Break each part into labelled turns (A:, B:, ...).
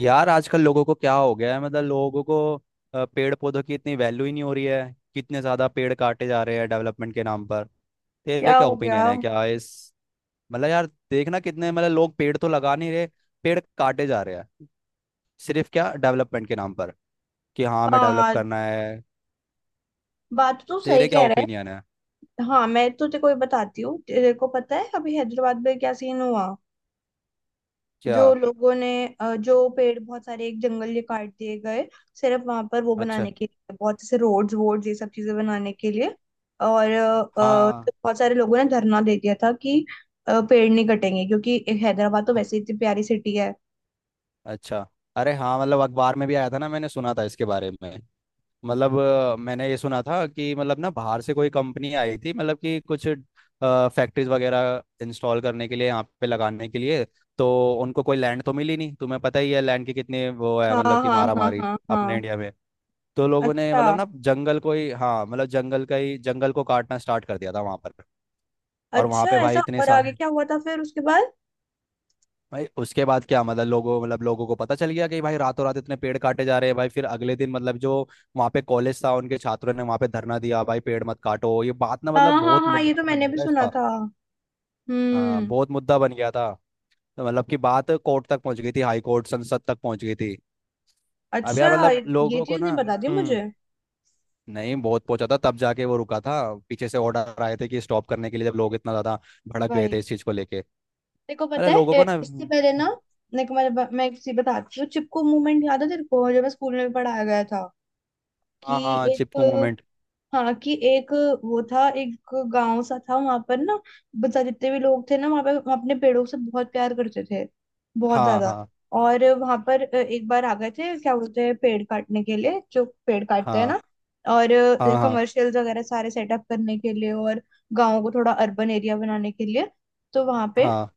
A: यार, आजकल लोगों को क्या हो गया है। मतलब लोगों को पेड़ पौधों की इतनी वैल्यू ही नहीं हो रही है। कितने ज्यादा पेड़ काटे जा रहे हैं डेवलपमेंट के नाम पर। तेरे
B: क्या
A: क्या
B: हो गया।
A: ओपिनियन है क्या इस। मतलब यार, देखना कितने, मतलब लोग पेड़ तो लगा नहीं रहे, पेड़ काटे जा रहे हैं सिर्फ क्या डेवलपमेंट के नाम पर, कि हाँ हमें डेवलप
B: हाँ,
A: करना है।
B: बात तो सही
A: तेरे क्या
B: कह रहे
A: ओपिनियन है
B: है। हाँ, मैं तो तेरे को ये बताती हूँ। तेरे को पता है अभी हैदराबाद में क्या सीन हुआ।
A: क्या?
B: जो लोगों ने जो पेड़ बहुत सारे एक जंगल ये काट दिए गए, सिर्फ वहां पर वो
A: अच्छा।
B: बनाने के लिए, बहुत से रोड्स वोड्स ये सब चीजें बनाने के लिए। और
A: हाँ,
B: बहुत सारे लोगों ने धरना दे दिया था कि पेड़ नहीं कटेंगे, क्योंकि एक हैदराबाद तो
A: हाँ,
B: वैसे ही इतनी प्यारी सिटी है।
A: अच्छा। अरे हाँ, मतलब अखबार में भी आया था ना, मैंने सुना था इसके बारे में। मतलब मैंने ये सुना था कि, मतलब ना बाहर से कोई कंपनी आई थी, मतलब कि कुछ फैक्ट्रीज वगैरह इंस्टॉल करने के लिए, यहाँ पे लगाने के लिए। तो उनको कोई लैंड तो मिली नहीं, तुम्हें पता ही है लैंड की कितनी वो है,
B: हाँ,
A: मतलब कि
B: हाँ,
A: मारा
B: हाँ,
A: मारी
B: हाँ,
A: अपने
B: हाँ।
A: इंडिया में। तो लोगों ने, मतलब
B: अच्छा।
A: ना जंगल को ही, हाँ मतलब जंगल का ही, जंगल को काटना स्टार्ट कर दिया था वहां पर। और वहां
B: अच्छा
A: पे भाई
B: ऐसा,
A: इतने
B: और
A: सा,
B: आगे क्या हुआ था फिर उसके बाद।
A: भाई उसके बाद क्या, मतलब लोगों को पता चल गया कि भाई रातों रात इतने पेड़ काटे जा रहे हैं। भाई फिर अगले दिन मतलब जो वहाँ पे कॉलेज था, उनके छात्रों ने वहाँ पे धरना दिया, भाई पेड़ मत काटो। ये बात ना,
B: हाँ,
A: मतलब
B: हाँ,
A: बहुत
B: हाँ, ये
A: मुद्दा
B: तो
A: बन
B: मैंने
A: गया
B: भी
A: था
B: सुना
A: इसका।
B: था।
A: हाँ,
B: हम्म।
A: बहुत मुद्दा बन गया था। तो मतलब कि बात कोर्ट तक पहुंच गई थी, हाई कोर्ट, संसद तक पहुंच गई थी। अब
B: अच्छा,
A: यार, मतलब
B: ये
A: लोगों को
B: चीज नहीं
A: ना,
B: बता दी मुझे।
A: नहीं, बहुत पहुंचा था, तब जाके वो रुका था। पीछे से ऑर्डर आए थे कि स्टॉप करने के लिए, जब लोग इतना ज्यादा भड़क गए थे
B: वही,
A: इस चीज को लेके।
B: तेरे को
A: अरे
B: पता है
A: लोगों को ना,
B: इससे पहले ना मेरे को, मैं एक चीज बताती हूँ। चिपको मूवमेंट याद है तेरे को, जो मैं स्कूल में भी पढ़ाया गया था, कि
A: हाँ, हाँ, चिपको
B: एक,
A: मोमेंट।
B: हाँ कि एक, वो था एक गांव सा था वहां पर ना। बता, जितने भी लोग थे ना वहां पर, वो अपने पेड़ों से बहुत प्यार करते थे, बहुत
A: हाँ,
B: ज्यादा।
A: हाँ,
B: और वहां पर एक बार आ गए थे, क्या बोलते हैं, पेड़ काटने के लिए, जो पेड़ काटते हैं
A: हाँ,
B: ना। और
A: हाँ, हाँ,
B: कमर्शियल्स वगैरह सारे सेटअप करने के लिए, और गाँव को थोड़ा अर्बन एरिया बनाने के लिए। तो वहां पे,
A: हाँ,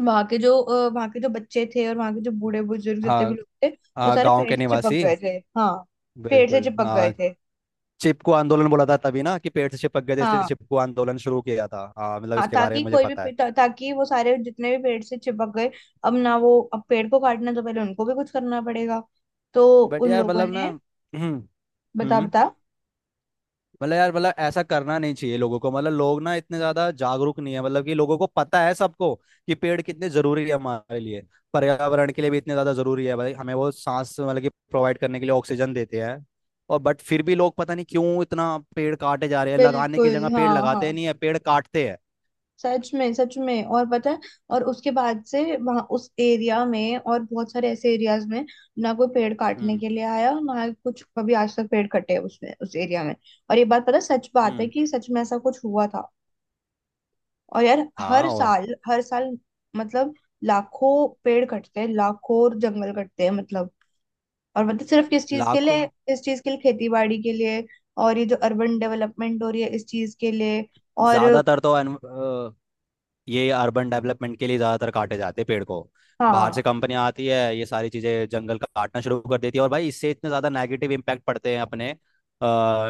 B: वहां के जो वहां के जो बच्चे थे और वहां के जो बूढ़े बुजुर्ग जितने भी
A: हाँ,
B: लोग थे, वो
A: हाँ,
B: सारे
A: गाँव
B: पेड़
A: के
B: से चिपक
A: निवासी,
B: गए थे। हाँ, पेड़ से
A: बिल्कुल
B: चिपक गए
A: हाँ।
B: थे।
A: चिपकू आंदोलन बोला था तभी ना, कि पेड़ से चिपक गए थे इसलिए
B: हाँ,
A: चिपकू आंदोलन शुरू किया था, हाँ मतलब
B: हाँ,
A: इसके बारे
B: ताकि
A: में मुझे
B: कोई भी
A: पता है।
B: ताकि वो सारे जितने भी पेड़ से चिपक गए, अब ना, वो अब पेड़ को काटना, तो पहले उनको भी कुछ करना पड़ेगा। तो
A: बट
B: उन
A: यार,
B: लोगों
A: मतलब ना,
B: ने।
A: हम्म
B: बता बता।
A: मतलब यार, मतलब ऐसा करना नहीं चाहिए लोगों को। मतलब लोग ना इतने ज्यादा जागरूक नहीं है, मतलब कि लोगों को पता है, सबको कि पेड़ कितने जरूरी है हमारे लिए। पर्यावरण के लिए भी इतने ज्यादा जरूरी है भाई, हमें वो सांस मतलब कि प्रोवाइड करने के लिए ऑक्सीजन देते हैं। और बट फिर भी लोग पता नहीं क्यों इतना पेड़ काटे जा रहे हैं, लगाने की
B: बिल्कुल।
A: जगह पेड़
B: हाँ, हाँ,
A: लगाते नहीं है, पेड़ काटते हैं।
B: सच में, सच में, और पता है और उसके बाद से वहां उस एरिया में और बहुत सारे ऐसे एरियाज में ना कोई पेड़ काटने
A: हम्म,
B: के लिए आया, ना ही कुछ कभी आज तक पेड़ कटे उसमें उस एरिया में। और ये बात पता है, सच बात है,
A: हम्म।
B: कि सच में ऐसा कुछ हुआ था। और यार, हर
A: हाँ। और
B: साल, हर साल, मतलब लाखों पेड़ कटते हैं, लाखों, और जंगल कटते हैं मतलब। और मतलब, सिर्फ किस चीज के
A: लाखों।
B: लिए, इस चीज के लिए, खेती बाड़ी के लिए, और ये जो अर्बन डेवलपमेंट हो रही है इस चीज के लिए। और
A: ज्यादातर तो, ये अर्बन डेवलपमेंट के लिए ज़्यादातर काटे जाते हैं पेड़ को। बाहर से
B: हाँ,
A: कंपनियां आती है, ये सारी चीज़ें, जंगल काटना शुरू कर देती है, और भाई इससे इतने ज़्यादा नेगेटिव इम्पैक्ट पड़ते हैं अपने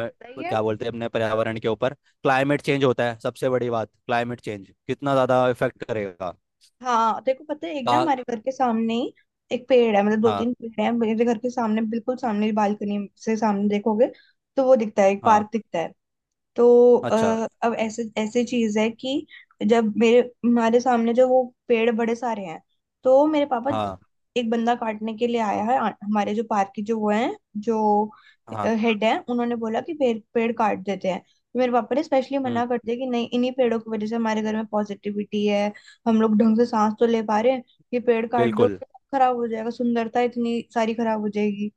B: पता ही है।
A: क्या बोलते हैं, अपने पर्यावरण के ऊपर। क्लाइमेट चेंज होता है, सबसे बड़ी बात, क्लाइमेट चेंज कितना ज़्यादा इफेक्ट करेगा।
B: हाँ देखो, पता है, एक ना
A: का-
B: हमारे घर के सामने ही एक पेड़ है, मतलब दो
A: हाँ,
B: तीन पेड़ है मेरे घर के सामने, बिल्कुल सामने। बालकनी से सामने देखोगे तो वो दिखता है, एक
A: हाँ,
B: पार्क दिखता है। तो
A: अच्छा,
B: अब ऐसे, ऐसी चीज है कि जब मेरे, हमारे सामने जो वो पेड़ बड़े सारे हैं, तो मेरे पापा,
A: हाँ,
B: एक बंदा काटने के लिए आया है, हमारे जो पार्क के जो वो हैं, जो
A: हाँ,
B: हेड है, उन्होंने बोला कि पेड़ पेड़ काट देते हैं। तो मेरे पापा ने स्पेशली
A: हम्म,
B: मना कर दिया कि नहीं, इन्हीं पेड़ों की वजह से हमारे घर में पॉजिटिविटी है। हम लोग ढंग से सांस तो ले पा रहे हैं। ये पेड़ काट दो,
A: बिल्कुल।
B: खराब हो जाएगा, सुंदरता इतनी सारी खराब हो जाएगी।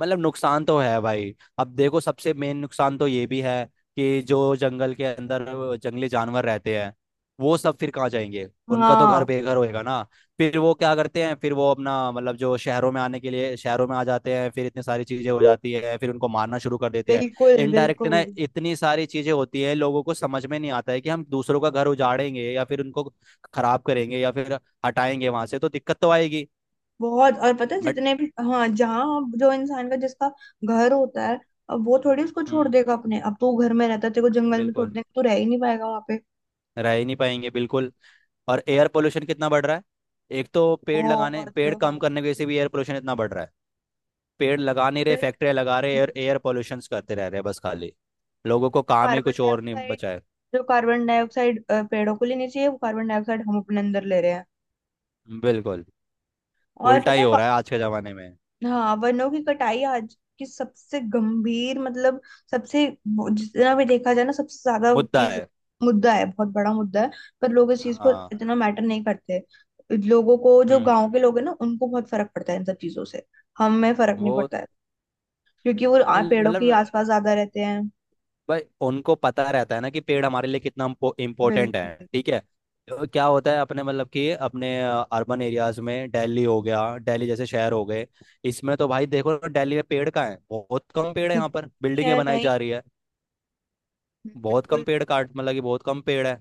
A: मतलब नुकसान तो है भाई। अब देखो, सबसे मेन नुकसान तो ये भी है कि जो जंगल के अंदर जंगली जानवर रहते हैं, वो सब फिर कहाँ जाएंगे? उनका तो घर
B: हाँ,
A: बेघर होएगा ना। फिर वो क्या करते हैं, फिर वो अपना मतलब जो शहरों में आने के लिए, शहरों में आ जाते हैं, फिर इतनी सारी चीजें हो जाती है, फिर उनको मारना शुरू कर देते हैं।
B: बिल्कुल,
A: इनडायरेक्ट
B: बिल्कुल।
A: ना इतनी सारी चीजें होती है, लोगों को समझ में नहीं आता है कि हम दूसरों का घर उजाड़ेंगे, या फिर उनको खराब करेंगे, या फिर हटाएंगे वहां से, तो दिक्कत तो आएगी।
B: बहुत, और पता है
A: बट।
B: जितने भी, हाँ, जहाँ जो इंसान का, जिसका घर होता है, अब वो थोड़ी उसको छोड़
A: हम्म।
B: देगा। अपने अब तो घर में रहता है, तेरे को जंगल में छोड़
A: बिल्कुल।
B: देगा, तू रह ही नहीं पाएगा वहां पे।
A: रह ही नहीं पाएंगे, बिल्कुल। और एयर पोल्यूशन कितना बढ़ रहा है। एक तो पेड़ लगाने,
B: बहुत।
A: पेड़ कम
B: हाँ
A: करने की वजह से भी एयर पोल्यूशन इतना बढ़ रहा है। पेड़ लगा नहीं रहे,
B: फिर,
A: फैक्ट्रियां लगा रहे,
B: हम्म,
A: और एयर पोल्यूशन करते रह रहे हैं, बस खाली। लोगों को
B: जो
A: काम ही
B: कार्बन
A: कुछ और नहीं
B: डाइऑक्साइड
A: बचा है।
B: जो कार्बन डाइऑक्साइड पेड़ों को लेनी चाहिए, वो कार्बन डाइऑक्साइड हम अपने अंदर ले रहे हैं।
A: बिल्कुल
B: और
A: उल्टा
B: पता
A: ही
B: है,
A: हो रहा है आज के जमाने में।
B: हाँ, वनों की कटाई आज की सबसे गंभीर, मतलब सबसे, वो जितना भी देखा जाए ना, सबसे ज्यादा
A: मुद्दा
B: चीज,
A: है।
B: मुद्दा है, बहुत बड़ा मुद्दा है। पर लोग इस चीज को
A: हाँ।
B: इतना मैटर नहीं करते। लोगों को, जो
A: हम्म।
B: गांव के लोग हैं ना, उनको बहुत फर्क पड़ता है इन सब चीजों से। हमें फर्क नहीं
A: वो
B: पड़ता है, क्योंकि वो पेड़ों के
A: मतलब
B: आसपास ज्यादा रहते हैं।
A: भाई, उनको पता रहता है ना कि पेड़ हमारे लिए कितना इम्पोर्टेंट है,
B: बिल्कुल,
A: ठीक है। तो क्या होता है, अपने मतलब कि अपने अर्बन एरियाज में, दिल्ली हो गया, दिल्ली जैसे शहर हो गए। इसमें तो भाई देखो ना, दिल्ली में पेड़ कहाँ है, बहुत कम पेड़ है, यहाँ पर
B: बिल्कुल।
A: बिल्डिंगें
B: है
A: बनाई
B: नहीं।
A: जा रही है। बहुत कम
B: बिल्कुल।
A: पेड़ काट मतलब कि बहुत कम पेड़ है।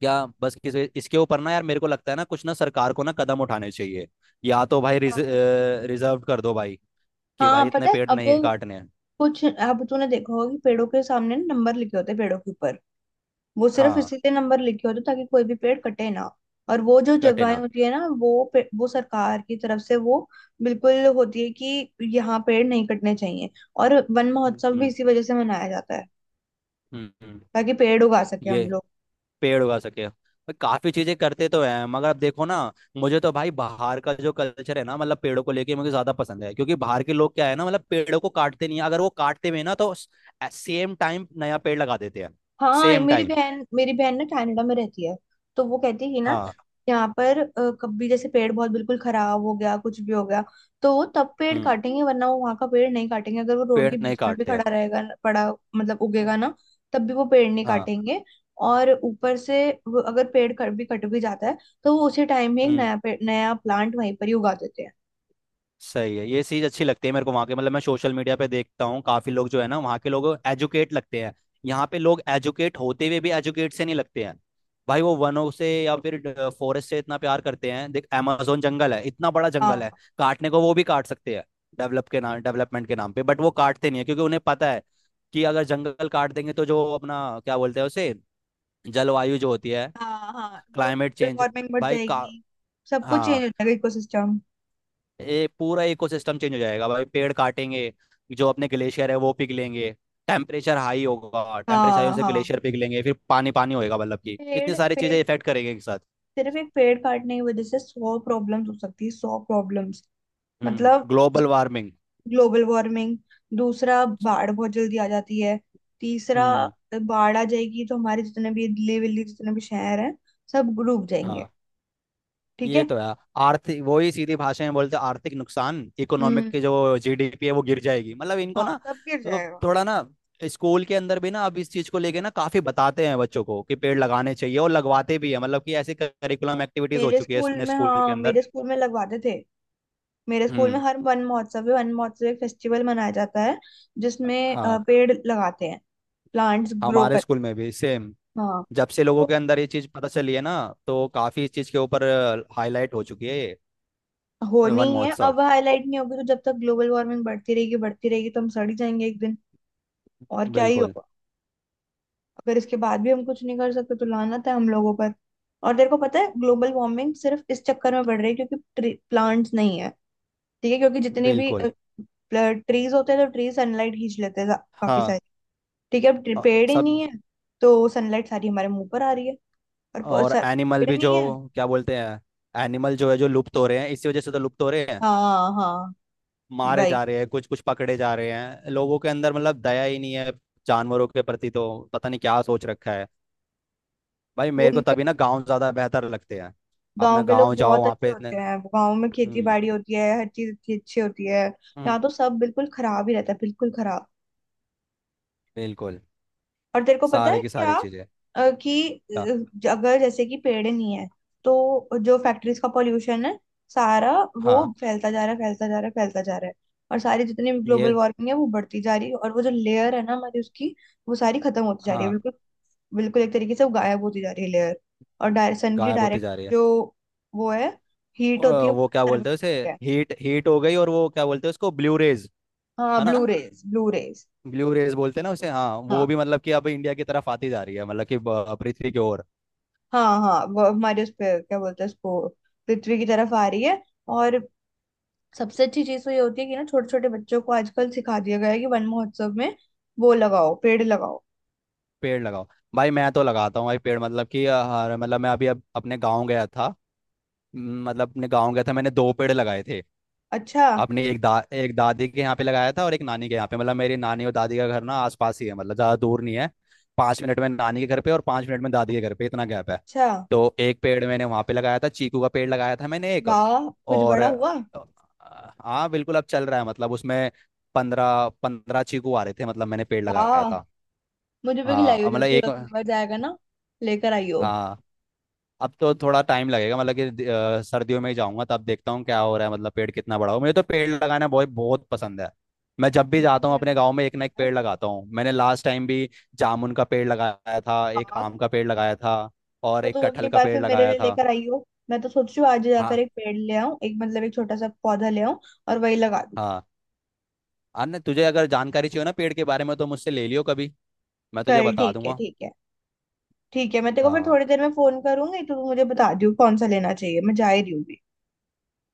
A: क्या बस किसी इसके ऊपर ना यार, मेरे को लगता है ना, कुछ ना सरकार को ना कदम उठाने चाहिए। या तो भाई
B: तार-
A: रिजर्व कर दो भाई, कि
B: हाँ,
A: भाई इतने
B: पता है
A: पेड़
B: अब,
A: नहीं काटने हैं।
B: कुछ, अब तूने देखा होगा कि पेड़ों के सामने ना नंबर लिखे होते हैं, पेड़ों के ऊपर। वो सिर्फ
A: हाँ,
B: इसीलिए नंबर लिखे होते हैं ताकि कोई भी पेड़ कटे ना। और वो जो
A: कटे
B: जगहें
A: ना,
B: होती है ना, वो वो सरकार की तरफ से वो बिल्कुल होती है कि यहाँ पेड़ नहीं कटने चाहिए। और वन
A: हम्म,
B: महोत्सव भी
A: हम्म,
B: इसी वजह से मनाया जाता है,
A: हम्म।
B: ताकि पेड़ उगा सके हम
A: ये
B: लोग।
A: पेड़ उगा सके, और काफी चीजें करते तो हैं, मगर अब देखो ना। मुझे तो भाई बाहर का जो कल्चर है ना, मतलब पेड़ों को लेके मुझे ज्यादा पसंद है, क्योंकि बाहर के लोग क्या है ना, मतलब पेड़ों को काटते नहीं है, अगर वो काटते भी हैं ना, तो सेम टाइम नया पेड़ लगा देते हैं।
B: हाँ,
A: सेम
B: मेरी
A: टाइम।
B: बहन मेरी बहन ना कनाडा में रहती है। तो वो कहती है कि ना,
A: हाँ,
B: यहाँ पर कभी जैसे पेड़ बहुत बिल्कुल खराब हो गया, कुछ भी हो गया, तो वो तब पेड़
A: हम्म,
B: काटेंगे, वरना वो वहां का पेड़ नहीं काटेंगे। अगर वो रोड
A: पेड़
B: के
A: नहीं
B: बीच में भी
A: काटते हैं,
B: खड़ा रहेगा पड़ा, मतलब
A: हम्म।
B: उगेगा ना, तब भी वो पेड़ नहीं
A: हाँ,
B: काटेंगे। और ऊपर से वो, अगर पेड़ कट भी जाता है, तो वो उसी टाइम में एक
A: हम्म,
B: नया पेड़, नया प्लांट वहीं पर ही उगा देते हैं।
A: सही है। ये चीज अच्छी लगती है मेरे को वहाँ के, मतलब मैं सोशल मीडिया पे देखता हूँ, काफी लोग जो है ना वहाँ के, लोग एजुकेट लगते हैं। यहाँ पे लोग एजुकेट होते हुए भी एजुकेट से नहीं लगते हैं। भाई वो वनों से या फिर फॉरेस्ट से इतना प्यार करते हैं। देख amazon जंगल है, इतना बड़ा जंगल
B: हाँ,
A: है, काटने को वो भी काट सकते हैं डेवलपमेंट के नाम पे, बट वो काटते नहीं है, क्योंकि उन्हें पता है कि अगर जंगल काट देंगे तो जो अपना क्या बोलते हैं उसे, जलवायु जो होती है।
B: हाँ, हाँ, जो
A: क्लाइमेट
B: ग्लोबल
A: चेंज
B: वार्मिंग बढ़
A: भाई का
B: जाएगी, सब कुछ चेंज
A: हाँ,
B: हो जाएगा, इकोसिस्टम।
A: ये पूरा इकोसिस्टम चेंज हो जाएगा भाई, पेड़ काटेंगे, जो अपने ग्लेशियर है वो पिघलेंगे। टेम्परेचर हाई होगा, टेम्परेचर हाई होने
B: हाँ,
A: से
B: हाँ,
A: ग्लेशियर पिघलेंगे, फिर पानी पानी होएगा, मतलब कि इतनी
B: पेड़
A: सारी
B: पेड़
A: चीजें इफेक्ट करेंगे एक साथ।
B: सिर्फ एक पेड़ काटने की वजह से 100 प्रॉब्लम्स हो सकती है, 100 प्रॉब्लम्स।
A: हम्म।
B: मतलब,
A: ग्लोबल वार्मिंग।
B: Global warming. दूसरा, बाढ़ बहुत जल्दी आ जाती है। तीसरा,
A: हम्म।
B: बाढ़ आ जाएगी, तो हमारे जितने भी दिल्ली विल्ली, जितने भी शहर हैं, सब डूब जाएंगे।
A: हाँ,
B: ठीक
A: ये
B: है।
A: तो है। आर्थिक, वही सीधी भाषा में बोलते हैं, आर्थिक नुकसान, इकोनॉमिक
B: हम्म।
A: की, जो जीडीपी है वो गिर जाएगी, मतलब इनको
B: हाँ,
A: ना।
B: सब गिर
A: अ,
B: जाएगा।
A: थोड़ा ना, स्कूल के अंदर भी ना, अब इस चीज को लेके ना काफी बताते हैं बच्चों को कि पेड़ लगाने चाहिए, और लगवाते भी है, मतलब कि ऐसी करिकुलम एक्टिविटीज हो
B: मेरे
A: चुकी है
B: स्कूल
A: अपने
B: में,
A: स्कूल के
B: हाँ,
A: अंदर।
B: मेरे स्कूल में लगवाते थे। मेरे स्कूल में
A: हम्म।
B: हर वन महोत्सव है, वन महोत्सव एक फेस्टिवल मनाया जाता है, जिसमें
A: हाँ।
B: पेड़ लगाते हैं, प्लांट्स ग्रो
A: हमारे
B: करते
A: स्कूल में भी सेम,
B: हैं। हाँ,
A: जब से लोगों के अंदर ये चीज पता चली है ना, तो काफी इस चीज के ऊपर हाईलाइट हो चुकी है ये।
B: होनी
A: वन
B: ही है।
A: महोत्सव।
B: अब हाईलाइट नहीं होगी तो, जब तक ग्लोबल वार्मिंग बढ़ती रहेगी, बढ़ती रहेगी, तो हम सड़ ही जाएंगे एक दिन। और क्या ही
A: बिल्कुल,
B: होगा। अगर इसके बाद भी हम कुछ नहीं कर सकते तो लानत है हम लोगों पर। और तेरे को पता है, ग्लोबल वार्मिंग सिर्फ इस चक्कर में बढ़ रही है क्योंकि प्लांट्स नहीं है। ठीक है, क्योंकि जितने भी
A: बिल्कुल।
B: ट्रीज होते हैं, तो ट्रीज सनलाइट खींच लेते हैं काफी
A: हाँ।
B: सारी। ठीक है, अब
A: अ,
B: पेड़ ही नहीं
A: सब।
B: है, तो सनलाइट सारी हमारे मुंह पर आ रही है। और
A: और एनिमल
B: पेड़
A: भी जो
B: नहीं है।
A: क्या बोलते हैं, एनिमल जो है, जो लुप्त हो रहे हैं, इसी वजह से तो लुप्त हो रहे हैं।
B: हाँ, हाँ,
A: मारे
B: भाई।
A: जा रहे हैं, कुछ कुछ पकड़े जा रहे हैं, लोगों के अंदर मतलब दया ही नहीं है जानवरों के प्रति, तो पता नहीं क्या सोच रखा है। भाई
B: वो
A: मेरे को तभी ना गांव ज्यादा बेहतर लगते हैं, अपना
B: गांव के लोग
A: गांव जाओ
B: बहुत
A: वहाँ
B: अच्छे
A: पे इतने,
B: होते हैं, गांव में खेती
A: हम्म,
B: बाड़ी होती है, हर चीज अच्छी अच्छी होती है।
A: हम्म,
B: यहाँ तो सब बिल्कुल खराब ही रहता है, बिल्कुल खराब।
A: बिल्कुल।
B: और तेरे को पता
A: सारे
B: है
A: की
B: क्या,
A: सारी चीजें।
B: कि
A: ता-
B: अगर जैसे कि पेड़ नहीं है, तो जो फैक्ट्रीज का पॉल्यूशन है सारा, वो
A: हाँ।
B: फैलता जा रहा है, फैलता जा रहा है, फैलता जा रहा है। और सारी जितनी भी ग्लोबल
A: ये।
B: वार्मिंग है वो बढ़ती जा रही है। और वो जो लेयर है ना हमारी, उसकी, वो सारी खत्म होती जा रही है
A: हाँ।
B: बिल्कुल। बिल्कुल एक तरीके से वो गायब होती जा रही है, लेयर। और सन की
A: गायब होते
B: डायरेक्ट
A: जा रही है।
B: जो वो है,
A: अ,
B: हीट होती है, वो
A: वो क्या
B: सर पे
A: बोलते हैं उसे,
B: पड़ती है।
A: हीट, हीट हो गई, और वो क्या बोलते हैं उसको, ब्लू रेज,
B: हाँ,
A: है ना?
B: Blue rays, blue rays.
A: Blue rays बोलते हैं ना उसे, हाँ वो
B: हाँ,
A: भी, मतलब कि अब इंडिया की तरफ आती जा रही है, मतलब कि पृथ्वी की ओर।
B: हाँ, हाँ, वो हमारे उस पे क्या बोलते हैं उसको, पृथ्वी की तरफ आ रही है। और सबसे अच्छी चीज तो ये होती है कि ना, छोटे छोटे बच्चों को आजकल सिखा दिया गया है कि वन महोत्सव में वो लगाओ, पेड़ लगाओ।
A: पेड़ लगाओ। भाई मैं तो लगाता हूँ भाई पेड़, मतलब कि मतलब मैं अभी अब अपने गाँव गया था, मतलब अपने गाँव गया था, मैंने दो पेड़ लगाए थे।
B: अच्छा।
A: अपनी एक दादी के यहाँ पे लगाया था, और एक नानी के यहाँ पे। मतलब मेरी नानी और दादी का घर ना आसपास ही है, मतलब ज़्यादा दूर नहीं है। 5 मिनट में नानी के घर पे, और 5 मिनट में दादी के घर पे, इतना गैप है।
B: अच्छा,
A: तो एक पेड़ मैंने वहाँ पे लगाया था, चीकू का पेड़ लगाया था मैंने, एक।
B: वाह, कुछ
A: और
B: बड़ा हुआ।
A: हाँ बिल्कुल, अब चल रहा है, मतलब उसमें 15-15 चीकू आ रहे थे, मतलब मैंने पेड़ लगाया
B: वाह,
A: था।
B: मुझे भी खिलाइयो
A: हाँ मतलब
B: जब तू
A: एक।
B: अगली बार जाएगा ना, लेकर आइयो।
A: हाँ, अब तो थोड़ा टाइम लगेगा, मतलब कि सर्दियों में ही जाऊंगा, तब देखता हूँ क्या हो रहा है, मतलब पेड़ कितना बड़ा हो। मुझे तो पेड़ लगाना बहुत बहुत पसंद है। मैं जब भी जाता हूँ
B: हम्म।
A: अपने गांव में, एक ना एक पेड़ लगाता हूँ, मैंने लास्ट टाइम भी जामुन का पेड़ लगाया था, एक
B: वाह,
A: आम का पेड़ लगाया था, और
B: तो तू
A: एक कटहल
B: अगली
A: का
B: बार
A: पेड़
B: फिर मेरे
A: लगाया
B: लिए
A: था।
B: लेकर आई हो। मैं तो सोच रही हूँ आज ही जाकर
A: हाँ,
B: एक पेड़ ले आऊं, एक मतलब एक छोटा सा पौधा ले आऊं, और वही लगा दूं।
A: हाँ। अन्य तुझे अगर जानकारी चाहिए ना पेड़ के बारे में तो मुझसे ले लियो कभी, मैं तुझे
B: चल
A: बता
B: ठीक है,
A: दूंगा।
B: ठीक है। ठीक है, मैं तेरे को फिर
A: हाँ,
B: थोड़ी देर में फोन करूंगी, तो तू मुझे बता दियो कौन सा लेना चाहिए, मैं जा ही रही हूँ भी।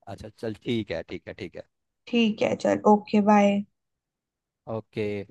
A: अच्छा, चल ठीक है, ठीक है, ठीक है,
B: ठीक है, चल, ओके बाय।
A: ओके।